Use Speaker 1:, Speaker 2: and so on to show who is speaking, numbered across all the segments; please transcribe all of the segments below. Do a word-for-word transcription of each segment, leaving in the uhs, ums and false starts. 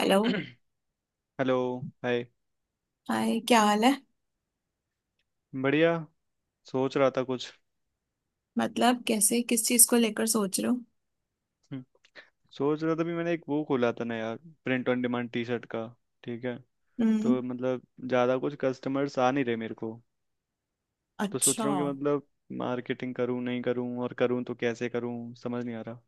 Speaker 1: Hello.
Speaker 2: Hello. Hi.
Speaker 1: Hi, क्या हाल है?
Speaker 2: बढ़िया। सोच रहा था कुछ।
Speaker 1: मतलब कैसे, किस चीज को लेकर सोच रहे हो?
Speaker 2: हम्म, सोच रहा था भी मैंने एक वो खोला था ना यार। Print on demand T shirt का। ठीक है।
Speaker 1: हम्म,
Speaker 2: तो मतलब ज़्यादा कुछ कस्टमर्स आ नहीं रहे मेरे को। तो
Speaker 1: अच्छा।
Speaker 2: सोच रहा हूँ कि मतलब मार्केटिंग करूँ नहीं करूँ, और करूँ तो कैसे करूँ, समझ नहीं आ रहा।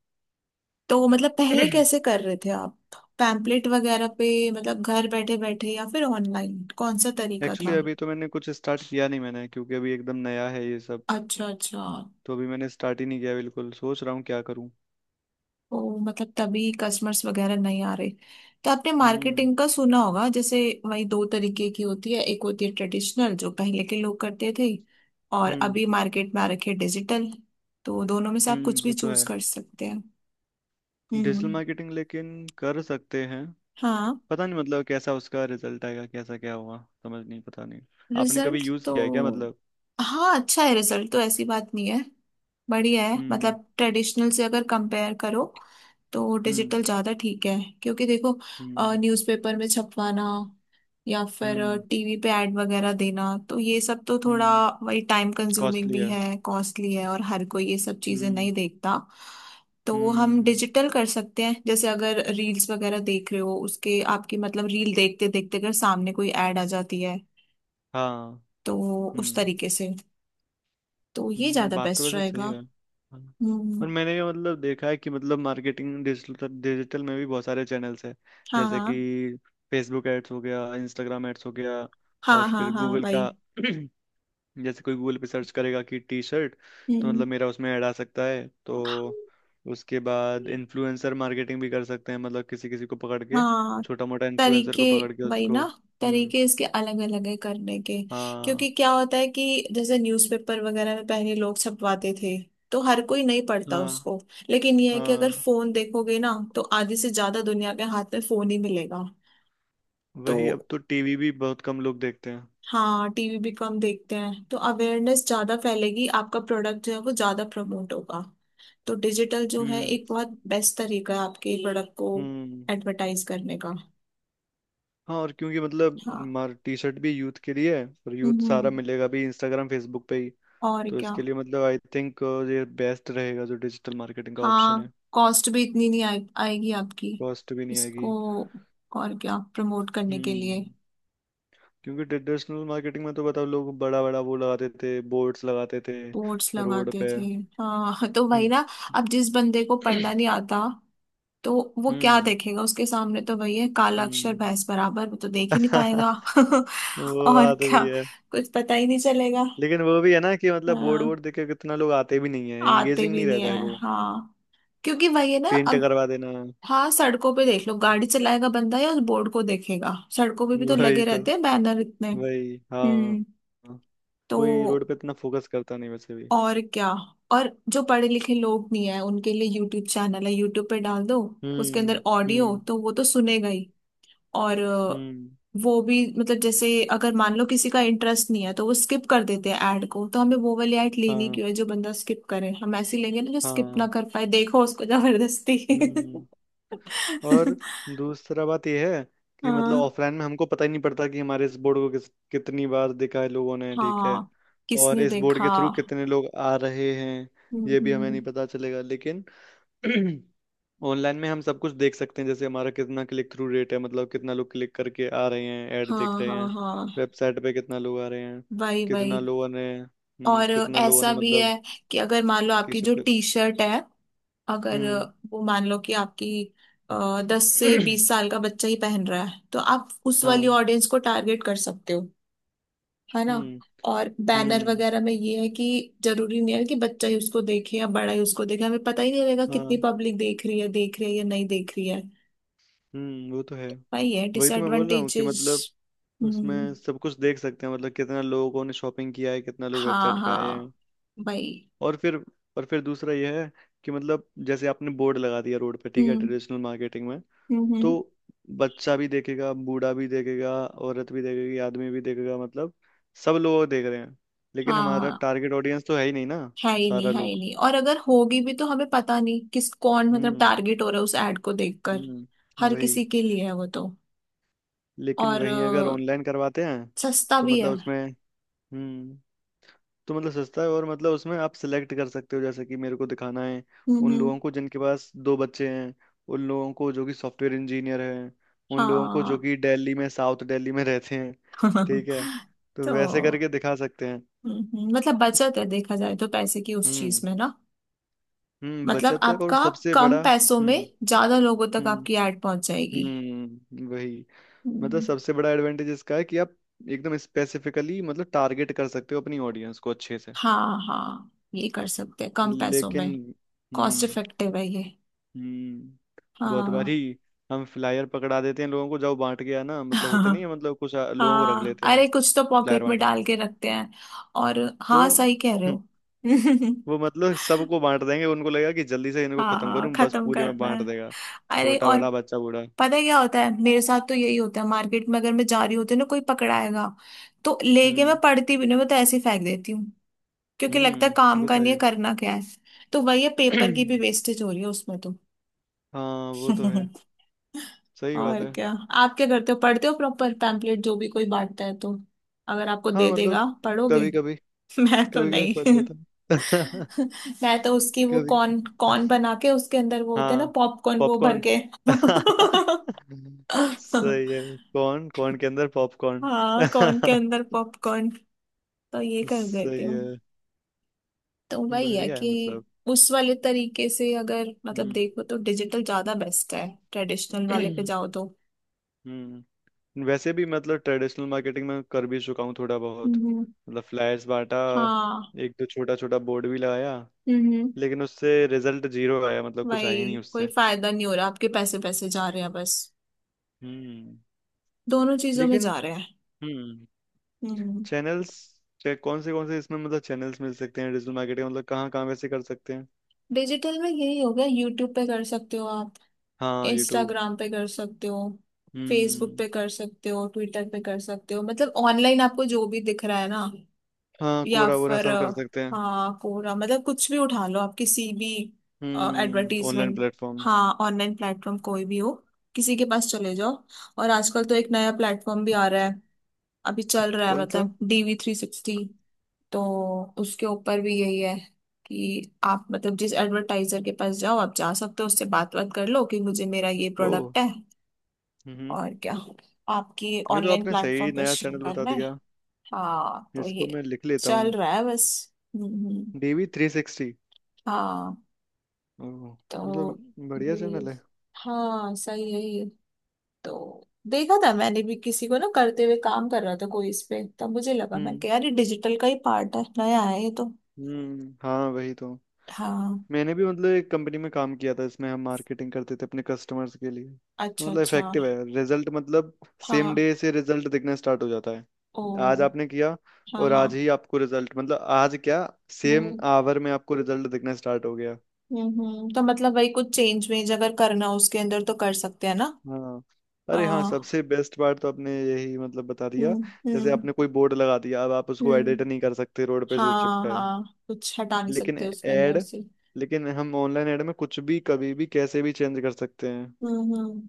Speaker 1: तो मतलब पहले कैसे कर रहे थे आप? पैम्पलेट वगैरह पे, मतलब घर बैठे बैठे, या फिर ऑनलाइन? कौन सा तरीका
Speaker 2: एक्चुअली
Speaker 1: था?
Speaker 2: अभी तो मैंने कुछ स्टार्ट किया नहीं मैंने, क्योंकि अभी एकदम नया है ये सब।
Speaker 1: अच्छा अच्छा।
Speaker 2: तो अभी मैंने स्टार्ट ही नहीं किया बिल्कुल, सोच रहा हूँ क्या करूँ।
Speaker 1: ओ, मतलब तभी कस्टमर्स वगैरह नहीं आ रहे। तो आपने
Speaker 2: हम्म।
Speaker 1: मार्केटिंग का सुना होगा, जैसे वही दो तरीके की होती है। एक होती है ट्रेडिशनल, जो पहले के लोग करते थे, और
Speaker 2: हम्म।
Speaker 1: अभी मार्केट में आ रखी है डिजिटल। तो दोनों में से आप
Speaker 2: हम्म।
Speaker 1: कुछ भी
Speaker 2: वो तो
Speaker 1: चूज
Speaker 2: है।
Speaker 1: कर सकते हैं।
Speaker 2: डिजिटल
Speaker 1: हम्म,
Speaker 2: मार्केटिंग लेकिन कर सकते हैं।
Speaker 1: हाँ।
Speaker 2: पता नहीं मतलब कैसा उसका रिजल्ट आएगा, कैसा क्या हुआ, समझ नहीं, पता नहीं। आपने कभी
Speaker 1: रिजल्ट
Speaker 2: यूज
Speaker 1: तो,
Speaker 2: किया है क्या मतलब?
Speaker 1: हाँ, अच्छा है। रिजल्ट तो ऐसी बात नहीं है, बढ़िया है।
Speaker 2: हम्म।
Speaker 1: मतलब ट्रेडिशनल से अगर कंपेयर करो तो
Speaker 2: हम्म।
Speaker 1: डिजिटल ज़्यादा ठीक है, क्योंकि देखो,
Speaker 2: हम्म।
Speaker 1: न्यूज़पेपर में छपवाना या फिर
Speaker 2: हम्म।
Speaker 1: टीवी पे ऐड वगैरह देना, तो ये सब तो थोड़ा
Speaker 2: हम्म।
Speaker 1: वही टाइम कंज्यूमिंग
Speaker 2: कॉस्टली
Speaker 1: भी
Speaker 2: है।
Speaker 1: है, कॉस्टली है, और हर कोई ये सब चीज़ें
Speaker 2: हम्म।
Speaker 1: नहीं देखता। तो हम
Speaker 2: हम्म।
Speaker 1: डिजिटल कर सकते हैं। जैसे अगर रील्स वगैरह देख रहे हो, उसके आपकी मतलब रील देखते देखते अगर सामने कोई ऐड आ जाती है,
Speaker 2: हाँ।
Speaker 1: तो उस
Speaker 2: हम्म।
Speaker 1: तरीके से, तो ये
Speaker 2: हम्म,
Speaker 1: ज्यादा
Speaker 2: बात तो
Speaker 1: बेस्ट
Speaker 2: वैसे सही
Speaker 1: रहेगा।
Speaker 2: है, हाँ।
Speaker 1: हम्म,
Speaker 2: और मैंने ये मतलब देखा है कि मतलब मार्केटिंग डिजिटल डिजिटल में भी बहुत सारे चैनल्स हैं।
Speaker 1: हाँ
Speaker 2: जैसे
Speaker 1: हाँ
Speaker 2: कि फेसबुक एड्स हो गया, इंस्टाग्राम एड्स हो गया, और
Speaker 1: हाँ। हाँ
Speaker 2: फिर
Speaker 1: हाँ
Speaker 2: गूगल
Speaker 1: वही।
Speaker 2: का। जैसे कोई गूगल पे सर्च करेगा कि टी शर्ट, तो
Speaker 1: हम्म,
Speaker 2: मतलब मेरा उसमें ऐड आ सकता है। तो उसके बाद इन्फ्लुएंसर मार्केटिंग भी कर सकते हैं, मतलब किसी किसी को पकड़ के,
Speaker 1: हाँ।
Speaker 2: छोटा मोटा इन्फ्लुएंसर
Speaker 1: तरीके,
Speaker 2: को पकड़ के
Speaker 1: वही ना,
Speaker 2: उसको। हम्म।
Speaker 1: तरीके इसके अलग अलग है करने के।
Speaker 2: हाँ।
Speaker 1: क्योंकि क्या होता है कि जैसे न्यूज़पेपर वगैरह में पहले लोग छपवाते थे, तो हर कोई नहीं पढ़ता
Speaker 2: हाँ।
Speaker 1: उसको। लेकिन ये है कि अगर
Speaker 2: हाँ।
Speaker 1: फोन देखोगे ना, तो आधे से ज्यादा दुनिया के हाथ में फोन ही मिलेगा। तो
Speaker 2: वही, अब तो टीवी भी बहुत कम लोग देखते हैं।
Speaker 1: हाँ, टीवी भी कम देखते हैं, तो अवेयरनेस ज्यादा फैलेगी, आपका प्रोडक्ट जो है वो ज्यादा प्रमोट होगा। तो डिजिटल जो है
Speaker 2: हम्म।
Speaker 1: एक बहुत बेस्ट तरीका है आपके प्रोडक्ट को
Speaker 2: हम्म।
Speaker 1: एडवर्टाइज करने का।
Speaker 2: हाँ। और क्योंकि मतलब
Speaker 1: हाँ,
Speaker 2: मार टी शर्ट भी यूथ के लिए है, और यूथ सारा
Speaker 1: हम्म,
Speaker 2: मिलेगा भी इंस्टाग्राम फेसबुक पे ही।
Speaker 1: और
Speaker 2: तो
Speaker 1: क्या।
Speaker 2: इसके लिए मतलब आई थिंक ये बेस्ट रहेगा, जो डिजिटल मार्केटिंग का ऑप्शन
Speaker 1: हाँ,
Speaker 2: है।
Speaker 1: कॉस्ट भी इतनी नहीं आए, आएगी आपकी
Speaker 2: कॉस्ट भी नहीं आएगी।
Speaker 1: इसको और क्या प्रमोट करने के लिए।
Speaker 2: हम्म। क्योंकि ट्रेडिशनल मार्केटिंग में तो बताओ, लोग बड़ा बड़ा वो लगाते थे, बोर्ड्स लगाते थे
Speaker 1: बोर्ड्स
Speaker 2: रोड
Speaker 1: लगाते
Speaker 2: पे।
Speaker 1: थे। हाँ, तो वही
Speaker 2: हम्म।
Speaker 1: ना। अब जिस बंदे को पढ़ना नहीं आता, तो वो क्या
Speaker 2: हम्म।
Speaker 1: देखेगा? उसके सामने तो वही है, काला अक्षर
Speaker 2: हम्म।
Speaker 1: भैंस बराबर, वो तो देख ही नहीं पाएगा।
Speaker 2: वो
Speaker 1: और
Speaker 2: बात
Speaker 1: क्या।
Speaker 2: भी है।
Speaker 1: कुछ पता ही नहीं चलेगा।
Speaker 2: लेकिन वो भी है ना कि मतलब बोर्ड
Speaker 1: हाँ,
Speaker 2: वोर्ड देख के कितना लोग आते भी नहीं है,
Speaker 1: आते
Speaker 2: एंगेजिंग
Speaker 1: भी
Speaker 2: नहीं
Speaker 1: नहीं
Speaker 2: रहता है
Speaker 1: है,
Speaker 2: वो।
Speaker 1: हाँ। क्योंकि वही है ना,
Speaker 2: पेंट
Speaker 1: अब
Speaker 2: करवा देना।
Speaker 1: हाँ सड़कों पे देख लो, गाड़ी चलाएगा बंदा या उस बोर्ड को देखेगा? सड़कों पे भी तो
Speaker 2: वही
Speaker 1: लगे
Speaker 2: तो।
Speaker 1: रहते हैं बैनर इतने।
Speaker 2: वही। हाँ।
Speaker 1: हम्म।
Speaker 2: हाँ। कोई
Speaker 1: तो
Speaker 2: रोड पे इतना फोकस करता नहीं वैसे भी।
Speaker 1: और क्या। और जो पढ़े लिखे लोग नहीं है, उनके लिए यूट्यूब चैनल है, यूट्यूब पे डाल दो। उसके
Speaker 2: हम्म।
Speaker 1: अंदर ऑडियो
Speaker 2: हम्म।
Speaker 1: तो वो तो सुनेगा ही। और अ,
Speaker 2: हम्म।
Speaker 1: वो भी मतलब जैसे, अगर मान लो किसी का इंटरेस्ट नहीं है तो वो स्किप कर देते हैं ऐड को, तो हमें वो वाली ऐड लेनी
Speaker 2: हाँ।
Speaker 1: क्यों है जो बंदा स्किप करे? हम ऐसी लेंगे ना जो स्किप ना
Speaker 2: हाँ।
Speaker 1: कर पाए, देखो, उसको जबरदस्ती।
Speaker 2: हम्म। और दूसरा बात यह है कि मतलब
Speaker 1: हाँ
Speaker 2: ऑफलाइन में हमको पता ही नहीं पड़ता कि हमारे इस बोर्ड को किस कितनी बार देखा है लोगों ने, ठीक है।
Speaker 1: हाँ,
Speaker 2: और
Speaker 1: किसने
Speaker 2: इस बोर्ड
Speaker 1: देखा।
Speaker 2: के थ्रू कितने लोग आ रहे हैं,
Speaker 1: हम्म
Speaker 2: ये भी हमें नहीं
Speaker 1: हम्म,
Speaker 2: पता चलेगा। लेकिन ऑनलाइन में हम सब कुछ देख सकते हैं, जैसे हमारा कितना क्लिक थ्रू रेट है, मतलब कितना लोग क्लिक करके आ रहे हैं, ऐड देख
Speaker 1: हाँ
Speaker 2: रहे
Speaker 1: हाँ
Speaker 2: हैं,
Speaker 1: हाँ,
Speaker 2: वेबसाइट पे कितना लोग आ रहे हैं,
Speaker 1: वही
Speaker 2: कितना
Speaker 1: वही।
Speaker 2: लोगों ने हम्म
Speaker 1: और
Speaker 2: कितना लोगों ने
Speaker 1: ऐसा भी
Speaker 2: मतलब
Speaker 1: है कि अगर मान लो
Speaker 2: टी
Speaker 1: आपकी जो
Speaker 2: शर्ट।
Speaker 1: टी शर्ट है, अगर
Speaker 2: हम्म।
Speaker 1: वो मान लो कि आपकी दस से बीस साल का बच्चा ही पहन रहा है, तो आप उस वाली
Speaker 2: हाँ।
Speaker 1: ऑडियंस को टारगेट कर सकते हो, है ना।
Speaker 2: हम्म।
Speaker 1: और बैनर
Speaker 2: हम्म।
Speaker 1: वगैरह में ये है कि जरूरी नहीं है कि बच्चा ही उसको देखे या बड़ा ही उसको देखे। हमें पता ही नहीं लगेगा
Speaker 2: हाँ।
Speaker 1: कितनी पब्लिक देख रही है, देख रही है या नहीं देख रही है।
Speaker 2: हम्म, वो तो है।
Speaker 1: वही है
Speaker 2: वही तो मैं बोल रहा हूँ कि
Speaker 1: डिसएडवांटेजेस।
Speaker 2: मतलब
Speaker 1: हम्म,
Speaker 2: उसमें सब कुछ देख सकते हैं, मतलब कितना लोगों ने शॉपिंग किया है, कितना लोग
Speaker 1: हाँ
Speaker 2: वेबसाइट पे आए हैं।
Speaker 1: हाँ, भाई।
Speaker 2: और फिर और फिर दूसरा यह है कि मतलब जैसे आपने बोर्ड लगा दिया रोड पे, ठीक है
Speaker 1: हम्म
Speaker 2: ट्रेडिशनल मार्केटिंग में।
Speaker 1: हम्म
Speaker 2: तो
Speaker 1: हम्म,
Speaker 2: बच्चा भी देखेगा, बूढ़ा भी देखेगा, औरत भी देखेगी, आदमी भी देखेगा, मतलब सब लोग देख रहे हैं। लेकिन हमारा
Speaker 1: हाँ,
Speaker 2: टारगेट ऑडियंस तो है ही नहीं ना,
Speaker 1: है ही
Speaker 2: सारा
Speaker 1: नहीं, है ही
Speaker 2: लोग।
Speaker 1: नहीं। और अगर होगी भी तो हमें पता नहीं किस, कौन मतलब
Speaker 2: हम्म।
Speaker 1: टारगेट हो रहा है उस एड को देखकर।
Speaker 2: हम्म,
Speaker 1: हर
Speaker 2: वही।
Speaker 1: किसी के लिए है वो तो।
Speaker 2: लेकिन
Speaker 1: और
Speaker 2: वहीं अगर
Speaker 1: अ,
Speaker 2: ऑनलाइन करवाते हैं
Speaker 1: सस्ता
Speaker 2: तो
Speaker 1: भी है।
Speaker 2: मतलब उसमें हम्म तो मतलब सस्ता है, और मतलब उसमें आप सिलेक्ट कर सकते हो, जैसे कि मेरे को दिखाना है
Speaker 1: हम्म
Speaker 2: उन
Speaker 1: हम्म,
Speaker 2: लोगों को जिनके पास दो बच्चे हैं, उन लोगों को जो कि सॉफ्टवेयर इंजीनियर हैं, उन लोगों को जो
Speaker 1: हाँ।
Speaker 2: कि दिल्ली में साउथ दिल्ली में रहते हैं, ठीक है। तो
Speaker 1: तो
Speaker 2: वैसे करके दिखा सकते हैं।
Speaker 1: हम्म, हम्म, मतलब बचत है, देखा जाए तो पैसे की, उस चीज
Speaker 2: हम्म।
Speaker 1: में ना।
Speaker 2: हम्म,
Speaker 1: मतलब
Speaker 2: बचत है, और
Speaker 1: आपका
Speaker 2: सबसे
Speaker 1: कम
Speaker 2: बड़ा।
Speaker 1: पैसों में
Speaker 2: हम्म।
Speaker 1: ज्यादा लोगों तक
Speaker 2: हम्म।
Speaker 1: आपकी एड पहुंच जाएगी।
Speaker 2: हम्म, वही, मतलब
Speaker 1: हम्म,
Speaker 2: सबसे बड़ा एडवांटेज इसका है कि आप एकदम स्पेसिफिकली मतलब टारगेट कर सकते हो अपनी ऑडियंस को अच्छे से।
Speaker 1: हाँ हाँ, ये कर सकते हैं कम पैसों
Speaker 2: लेकिन
Speaker 1: में। Cost
Speaker 2: hmm.
Speaker 1: इफेक्टिव है ये।
Speaker 2: हम्म, बहुत
Speaker 1: हाँ।
Speaker 2: बारी हम फ्लायर पकड़ा देते हैं लोगों को, जब बांट गया ना मतलब होते नहीं है मतलब कुछ आ- लोगों को रख
Speaker 1: हाँ,
Speaker 2: लेते हैं
Speaker 1: अरे कुछ तो
Speaker 2: फ्लायर
Speaker 1: पॉकेट में
Speaker 2: बांटने में।
Speaker 1: डाल के रखते हैं। और
Speaker 2: तो
Speaker 1: हाँ, सही कह रहे हो।
Speaker 2: वो मतलब सबको बांट देंगे, उनको लगेगा कि जल्दी से इनको
Speaker 1: हाँ
Speaker 2: खत्म
Speaker 1: हाँ,
Speaker 2: करूं, बस
Speaker 1: खत्म
Speaker 2: पूरे में
Speaker 1: करना
Speaker 2: बांट
Speaker 1: है।
Speaker 2: देगा,
Speaker 1: अरे,
Speaker 2: छोटा
Speaker 1: और
Speaker 2: बड़ा बच्चा बूढ़ा।
Speaker 1: पता है क्या होता है, मेरे साथ तो यही होता है, मार्केट में अगर मैं जा रही होती हूँ ना, कोई पकड़ाएगा तो लेके मैं
Speaker 2: हम्म।
Speaker 1: पढ़ती भी नहीं, मैं तो ऐसे ही फेंक देती हूँ। क्योंकि लगता है
Speaker 2: हम्म,
Speaker 1: काम
Speaker 2: वो
Speaker 1: का
Speaker 2: तो
Speaker 1: नहीं है,
Speaker 2: है।
Speaker 1: करना क्या है। तो वही है, पेपर की भी वेस्टेज हो रही है उसमें तो।
Speaker 2: हाँ वो तो है, सही बात
Speaker 1: और
Speaker 2: है।
Speaker 1: क्या। आप क्या करते हो, पढ़ते हो प्रॉपर पैम्पलेट जो भी कोई बांटता है तो? अगर आपको
Speaker 2: हाँ
Speaker 1: दे
Speaker 2: मतलब
Speaker 1: देगा, पढ़ोगे?
Speaker 2: कभी कभी
Speaker 1: मैं तो
Speaker 2: कभी कभी पढ़
Speaker 1: नहीं।
Speaker 2: लेता हूँ।
Speaker 1: मैं तो उसकी वो
Speaker 2: कभी।
Speaker 1: कॉर्न कॉर्न बना के, उसके अंदर वो होते हैं ना
Speaker 2: हाँ।
Speaker 1: पॉपकॉर्न, वो भर
Speaker 2: पॉपकॉर्न।
Speaker 1: के।
Speaker 2: सही है। कौन कौन के अंदर पॉपकॉर्न।
Speaker 1: हाँ, कॉर्न के अंदर पॉपकॉर्न। तो ये कर देती
Speaker 2: सही
Speaker 1: हूँ।
Speaker 2: है।
Speaker 1: तो वही है
Speaker 2: बढ़िया है
Speaker 1: कि
Speaker 2: मतलब।
Speaker 1: उस वाले तरीके से अगर मतलब
Speaker 2: हम्म।
Speaker 1: देखो तो डिजिटल ज्यादा बेस्ट है। ट्रेडिशनल वाले पे जाओ तो,
Speaker 2: हम्म। वैसे भी मतलब ट्रेडिशनल मार्केटिंग में कर भी चुका हूँ थोड़ा बहुत,
Speaker 1: हम्म।
Speaker 2: मतलब फ्लायर्स बांटा,
Speaker 1: हाँ।
Speaker 2: एक दो छोटा छोटा बोर्ड भी लगाया।
Speaker 1: हम्म,
Speaker 2: लेकिन उससे रिजल्ट जीरो आया, मतलब कुछ आया ही
Speaker 1: वही,
Speaker 2: नहीं
Speaker 1: कोई
Speaker 2: उससे।
Speaker 1: फायदा नहीं हो रहा, आपके पैसे पैसे जा रहे हैं बस।
Speaker 2: हम्म।
Speaker 1: दोनों चीजों में
Speaker 2: लेकिन
Speaker 1: जा रहे हैं।
Speaker 2: हम्म,
Speaker 1: हम्म।
Speaker 2: चैनल्स कौन से कौन से इसमें मतलब चैनल्स मिल सकते हैं डिजिटल मार्केटिंग, मतलब कहाँ कहाँ वैसे कर सकते हैं।
Speaker 1: डिजिटल में यही हो गया, यूट्यूब पे कर सकते हो आप,
Speaker 2: हाँ यूट्यूब।
Speaker 1: इंस्टाग्राम पे कर सकते हो, फेसबुक
Speaker 2: हम्म।
Speaker 1: पे कर सकते हो, ट्विटर पे कर सकते हो, मतलब ऑनलाइन आपको जो भी दिख रहा है ना।
Speaker 2: हाँ
Speaker 1: या
Speaker 2: कोरा वोरा,
Speaker 1: फिर
Speaker 2: सब
Speaker 1: अ,
Speaker 2: कर सकते हैं।
Speaker 1: हाँ, कोरा मतलब कुछ भी उठा लो आप किसी भी
Speaker 2: हम्म। Online
Speaker 1: advertisement.
Speaker 2: प्लेटफॉर्म।
Speaker 1: हाँ, ऑनलाइन प्लेटफॉर्म कोई भी हो, किसी के पास चले जाओ। और आजकल तो एक नया प्लेटफॉर्म भी आ रहा है, अभी चल रहा है,
Speaker 2: कौन सा?
Speaker 1: मतलब डीवी थ्री सिक्सटी। तो उसके ऊपर भी यही है कि आप मतलब जिस एडवर्टाइजर के पास जाओ, आप जा सकते हो, उससे बात बात कर लो कि मुझे मेरा ये
Speaker 2: ओ।
Speaker 1: प्रोडक्ट है,
Speaker 2: हम्म।
Speaker 1: और क्या, आपकी
Speaker 2: ये तो
Speaker 1: ऑनलाइन
Speaker 2: आपने
Speaker 1: प्लेटफॉर्म
Speaker 2: सही
Speaker 1: पे
Speaker 2: नया
Speaker 1: शुरू
Speaker 2: चैनल बता
Speaker 1: करना है।
Speaker 2: दिया,
Speaker 1: हाँ तो
Speaker 2: इसको
Speaker 1: ये
Speaker 2: मैं लिख लेता
Speaker 1: चल
Speaker 2: हूँ।
Speaker 1: रहा है बस। हम्म हम्म,
Speaker 2: डीवी थ्री सिक्सटी।
Speaker 1: हाँ
Speaker 2: ओह, मतलब
Speaker 1: तो
Speaker 2: बढ़िया
Speaker 1: ये।
Speaker 2: चैनल है।
Speaker 1: हाँ सही है ये। तो देखा था मैंने भी किसी को ना, करते हुए काम कर रहा था कोई इस पे, तब मुझे लगा मैं
Speaker 2: हम्म।
Speaker 1: यार ये डिजिटल का ही पार्ट है, नया है ये तो।
Speaker 2: हम्म। हाँ, वही तो।
Speaker 1: हाँ।
Speaker 2: मैंने भी मतलब एक कंपनी में काम किया था, इसमें हम मार्केटिंग करते थे अपने कस्टमर्स के लिए। तो
Speaker 1: अच्छा अच्छा।
Speaker 2: मतलब इफेक्टिव है रिजल्ट, मतलब सेम
Speaker 1: हाँ।
Speaker 2: डे से रिजल्ट दिखना स्टार्ट हो जाता है।
Speaker 1: ओ।
Speaker 2: आज आपने किया,
Speaker 1: हाँ
Speaker 2: और आज
Speaker 1: हाँ।
Speaker 2: ही आपको रिजल्ट, मतलब आज क्या, सेम
Speaker 1: हम्म
Speaker 2: आवर में आपको रिजल्ट दिखना स्टार्ट हो गया।
Speaker 1: हम्म हम्म, तो मतलब वही कुछ चेंज वेंज अगर करना हो उसके अंदर तो कर सकते हैं ना।
Speaker 2: हाँ। अरे हाँ,
Speaker 1: आ,
Speaker 2: सबसे बेस्ट पार्ट तो आपने यही मतलब बता दिया।
Speaker 1: हम्म
Speaker 2: जैसे
Speaker 1: हम्म
Speaker 2: आपने कोई बोर्ड लगा दिया अब आप उसको एडिट
Speaker 1: हम्म।
Speaker 2: नहीं कर सकते रोड पे जो
Speaker 1: हाँ
Speaker 2: चिपका है।
Speaker 1: हाँ, कुछ हटा नहीं
Speaker 2: लेकिन
Speaker 1: सकते उसके अंदर
Speaker 2: एड
Speaker 1: से।
Speaker 2: लेकिन हम ऑनलाइन एड में कुछ भी कभी भी कैसे भी चेंज कर सकते हैं।
Speaker 1: हम्म हम्म।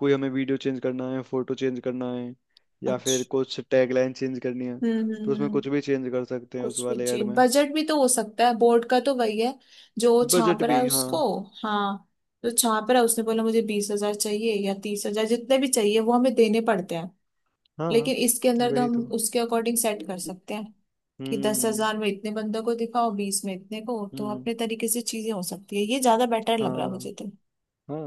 Speaker 2: कोई हमें वीडियो चेंज करना है, फोटो चेंज करना है, या फिर
Speaker 1: अच्छा,
Speaker 2: कुछ टैगलाइन चेंज करनी है,
Speaker 1: हम्म
Speaker 2: तो
Speaker 1: हम्म
Speaker 2: उसमें
Speaker 1: हम्म,
Speaker 2: कुछ भी चेंज कर सकते हैं उस
Speaker 1: कुछ कुछ
Speaker 2: वाले ऐड
Speaker 1: चेंज,
Speaker 2: में।
Speaker 1: बजट भी तो हो सकता है, बोर्ड का तो वही है, जो छाप
Speaker 2: बजट
Speaker 1: रहा
Speaker 2: भी।
Speaker 1: है
Speaker 2: हाँ।
Speaker 1: उसको। हाँ, जो छाप रहा है उसने बोला मुझे बीस हजार चाहिए या तीस हजार, जितने भी चाहिए वो हमें देने पड़ते हैं।
Speaker 2: हाँ
Speaker 1: लेकिन इसके अंदर तो
Speaker 2: वही
Speaker 1: हम
Speaker 2: तो।
Speaker 1: उसके अकॉर्डिंग सेट कर सकते हैं कि दस
Speaker 2: हम्म।
Speaker 1: हजार में इतने बंदों को दिखाओ, बीस में इतने को, तो
Speaker 2: हम्म।
Speaker 1: अपने तरीके से चीजें हो सकती है। ये ज्यादा बेटर लग रहा है
Speaker 2: हाँ।
Speaker 1: मुझे तो।
Speaker 2: हाँ।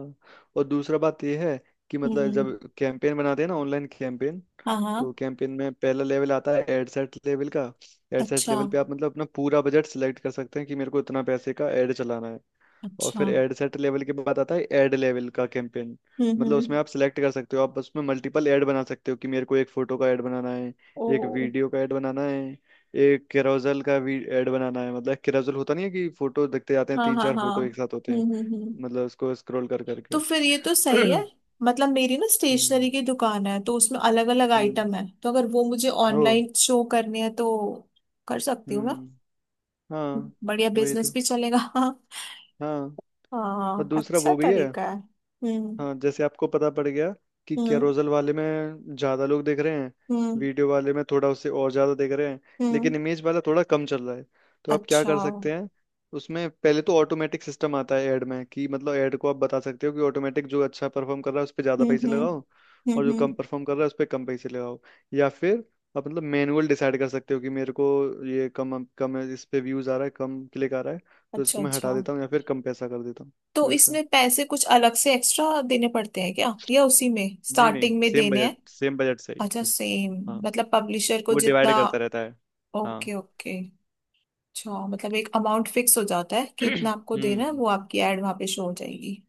Speaker 2: और दूसरा बात यह है कि मतलब
Speaker 1: हम्म।
Speaker 2: जब कैंपेन बनाते हैं ना ऑनलाइन कैंपेन,
Speaker 1: हाँ
Speaker 2: तो
Speaker 1: हाँ।
Speaker 2: कैंपेन में पहला लेवल आता है एड सेट लेवल का। एड सेट
Speaker 1: अच्छा
Speaker 2: लेवल पे आप मतलब अपना पूरा बजट सिलेक्ट कर सकते हैं कि मेरे को इतना पैसे का एड चलाना है। और
Speaker 1: अच्छा।
Speaker 2: फिर एड सेट लेवल के बाद आता है एड लेवल का कैंपेन।
Speaker 1: हम्म
Speaker 2: मतलब
Speaker 1: हम्म।
Speaker 2: उसमें आप सिलेक्ट कर सकते हो, आप उसमें मल्टीपल ऐड बना सकते हो, कि मेरे को एक फोटो का ऐड बनाना है, एक
Speaker 1: ओ।
Speaker 2: वीडियो का ऐड बनाना है, एक कैरोसेल का भी ऐड बनाना है। मतलब कैरोसेल होता नहीं है, कि फोटो देखते जाते हैं,
Speaker 1: हाँ
Speaker 2: तीन
Speaker 1: हाँ
Speaker 2: चार
Speaker 1: हाँ।
Speaker 2: फोटो एक साथ होते
Speaker 1: हम्म
Speaker 2: हैं,
Speaker 1: हम्म हम्म।
Speaker 2: मतलब उसको स्क्रॉल कर करके।
Speaker 1: तो फिर ये तो सही है। मतलब मेरी ना
Speaker 2: हम्म।
Speaker 1: स्टेशनरी की दुकान है, तो उसमें अलग अलग
Speaker 2: हम्म।
Speaker 1: आइटम है, तो अगर वो मुझे
Speaker 2: ओ।
Speaker 1: ऑनलाइन शो करने हैं, तो कर सकती हूँ ना।
Speaker 2: हम्म। हाँ
Speaker 1: बढ़िया,
Speaker 2: वही
Speaker 1: बिजनेस
Speaker 2: तो।
Speaker 1: भी चलेगा।
Speaker 2: हाँ। और
Speaker 1: हाँ,
Speaker 2: दूसरा
Speaker 1: अच्छा
Speaker 2: वो भी है।
Speaker 1: तरीका है। हम्म
Speaker 2: हाँ, जैसे आपको पता पड़ गया कि
Speaker 1: हम्म
Speaker 2: कैरोसेल वाले में ज्यादा लोग देख रहे हैं,
Speaker 1: हम्म
Speaker 2: वीडियो वाले में थोड़ा उससे और ज्यादा देख रहे हैं,
Speaker 1: हम्म।
Speaker 2: लेकिन इमेज वाला थोड़ा कम चल रहा है। तो आप क्या
Speaker 1: अच्छा,
Speaker 2: कर
Speaker 1: हम्म
Speaker 2: सकते हैं, उसमें पहले तो ऑटोमेटिक सिस्टम आता है ऐड में, कि मतलब ऐड को आप बता सकते हो कि ऑटोमेटिक जो अच्छा परफॉर्म कर रहा है उस पर ज्यादा
Speaker 1: हम्म
Speaker 2: पैसे
Speaker 1: हम्म
Speaker 2: लगाओ, और जो
Speaker 1: हम्म।
Speaker 2: कम परफॉर्म कर रहा है उस पर कम पैसे लगाओ। या फिर आप मतलब मैनुअल डिसाइड कर सकते हो कि मेरे को ये कम कम है, इस पे व्यूज आ रहा है कम, क्लिक आ रहा है, तो
Speaker 1: अच्छा
Speaker 2: इसको मैं
Speaker 1: अच्छा।
Speaker 2: हटा देता हूँ या फिर कम पैसा कर देता हूँ।
Speaker 1: तो इसमें पैसे कुछ अलग से एक्स्ट्रा देने पड़ते हैं क्या, या उसी में
Speaker 2: नहीं नहीं,
Speaker 1: स्टार्टिंग में
Speaker 2: सेम
Speaker 1: देने हैं?
Speaker 2: बजट सेम बजट से ही
Speaker 1: अच्छा,
Speaker 2: इस-।
Speaker 1: सेम।
Speaker 2: हाँ।
Speaker 1: मतलब पब्लिशर को
Speaker 2: वो
Speaker 1: जितना।
Speaker 2: डिवाइड करता रहता है। हाँ।
Speaker 1: Okay okay. अच्छा, मतलब एक अमाउंट फिक्स हो जाता है कि इतना आपको देना है,
Speaker 2: हम्म।
Speaker 1: वो आपकी एड वहां पे शो हो जाएगी।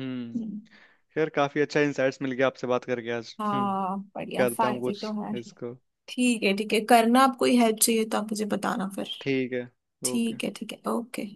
Speaker 2: हम्म।
Speaker 1: हम्म,
Speaker 2: खैर काफी अच्छा इंसाइट्स मिल गया आपसे बात करके आज। हम्म।
Speaker 1: हाँ, बढ़िया,
Speaker 2: करता हूँ
Speaker 1: फायदे तो
Speaker 2: कुछ
Speaker 1: है।
Speaker 2: इसको।
Speaker 1: ठीक है ठीक है, करना, आपको हेल्प चाहिए तो आप मुझे बताना फिर।
Speaker 2: ठीक है। ओके।
Speaker 1: ठीक है ठीक है, ओके।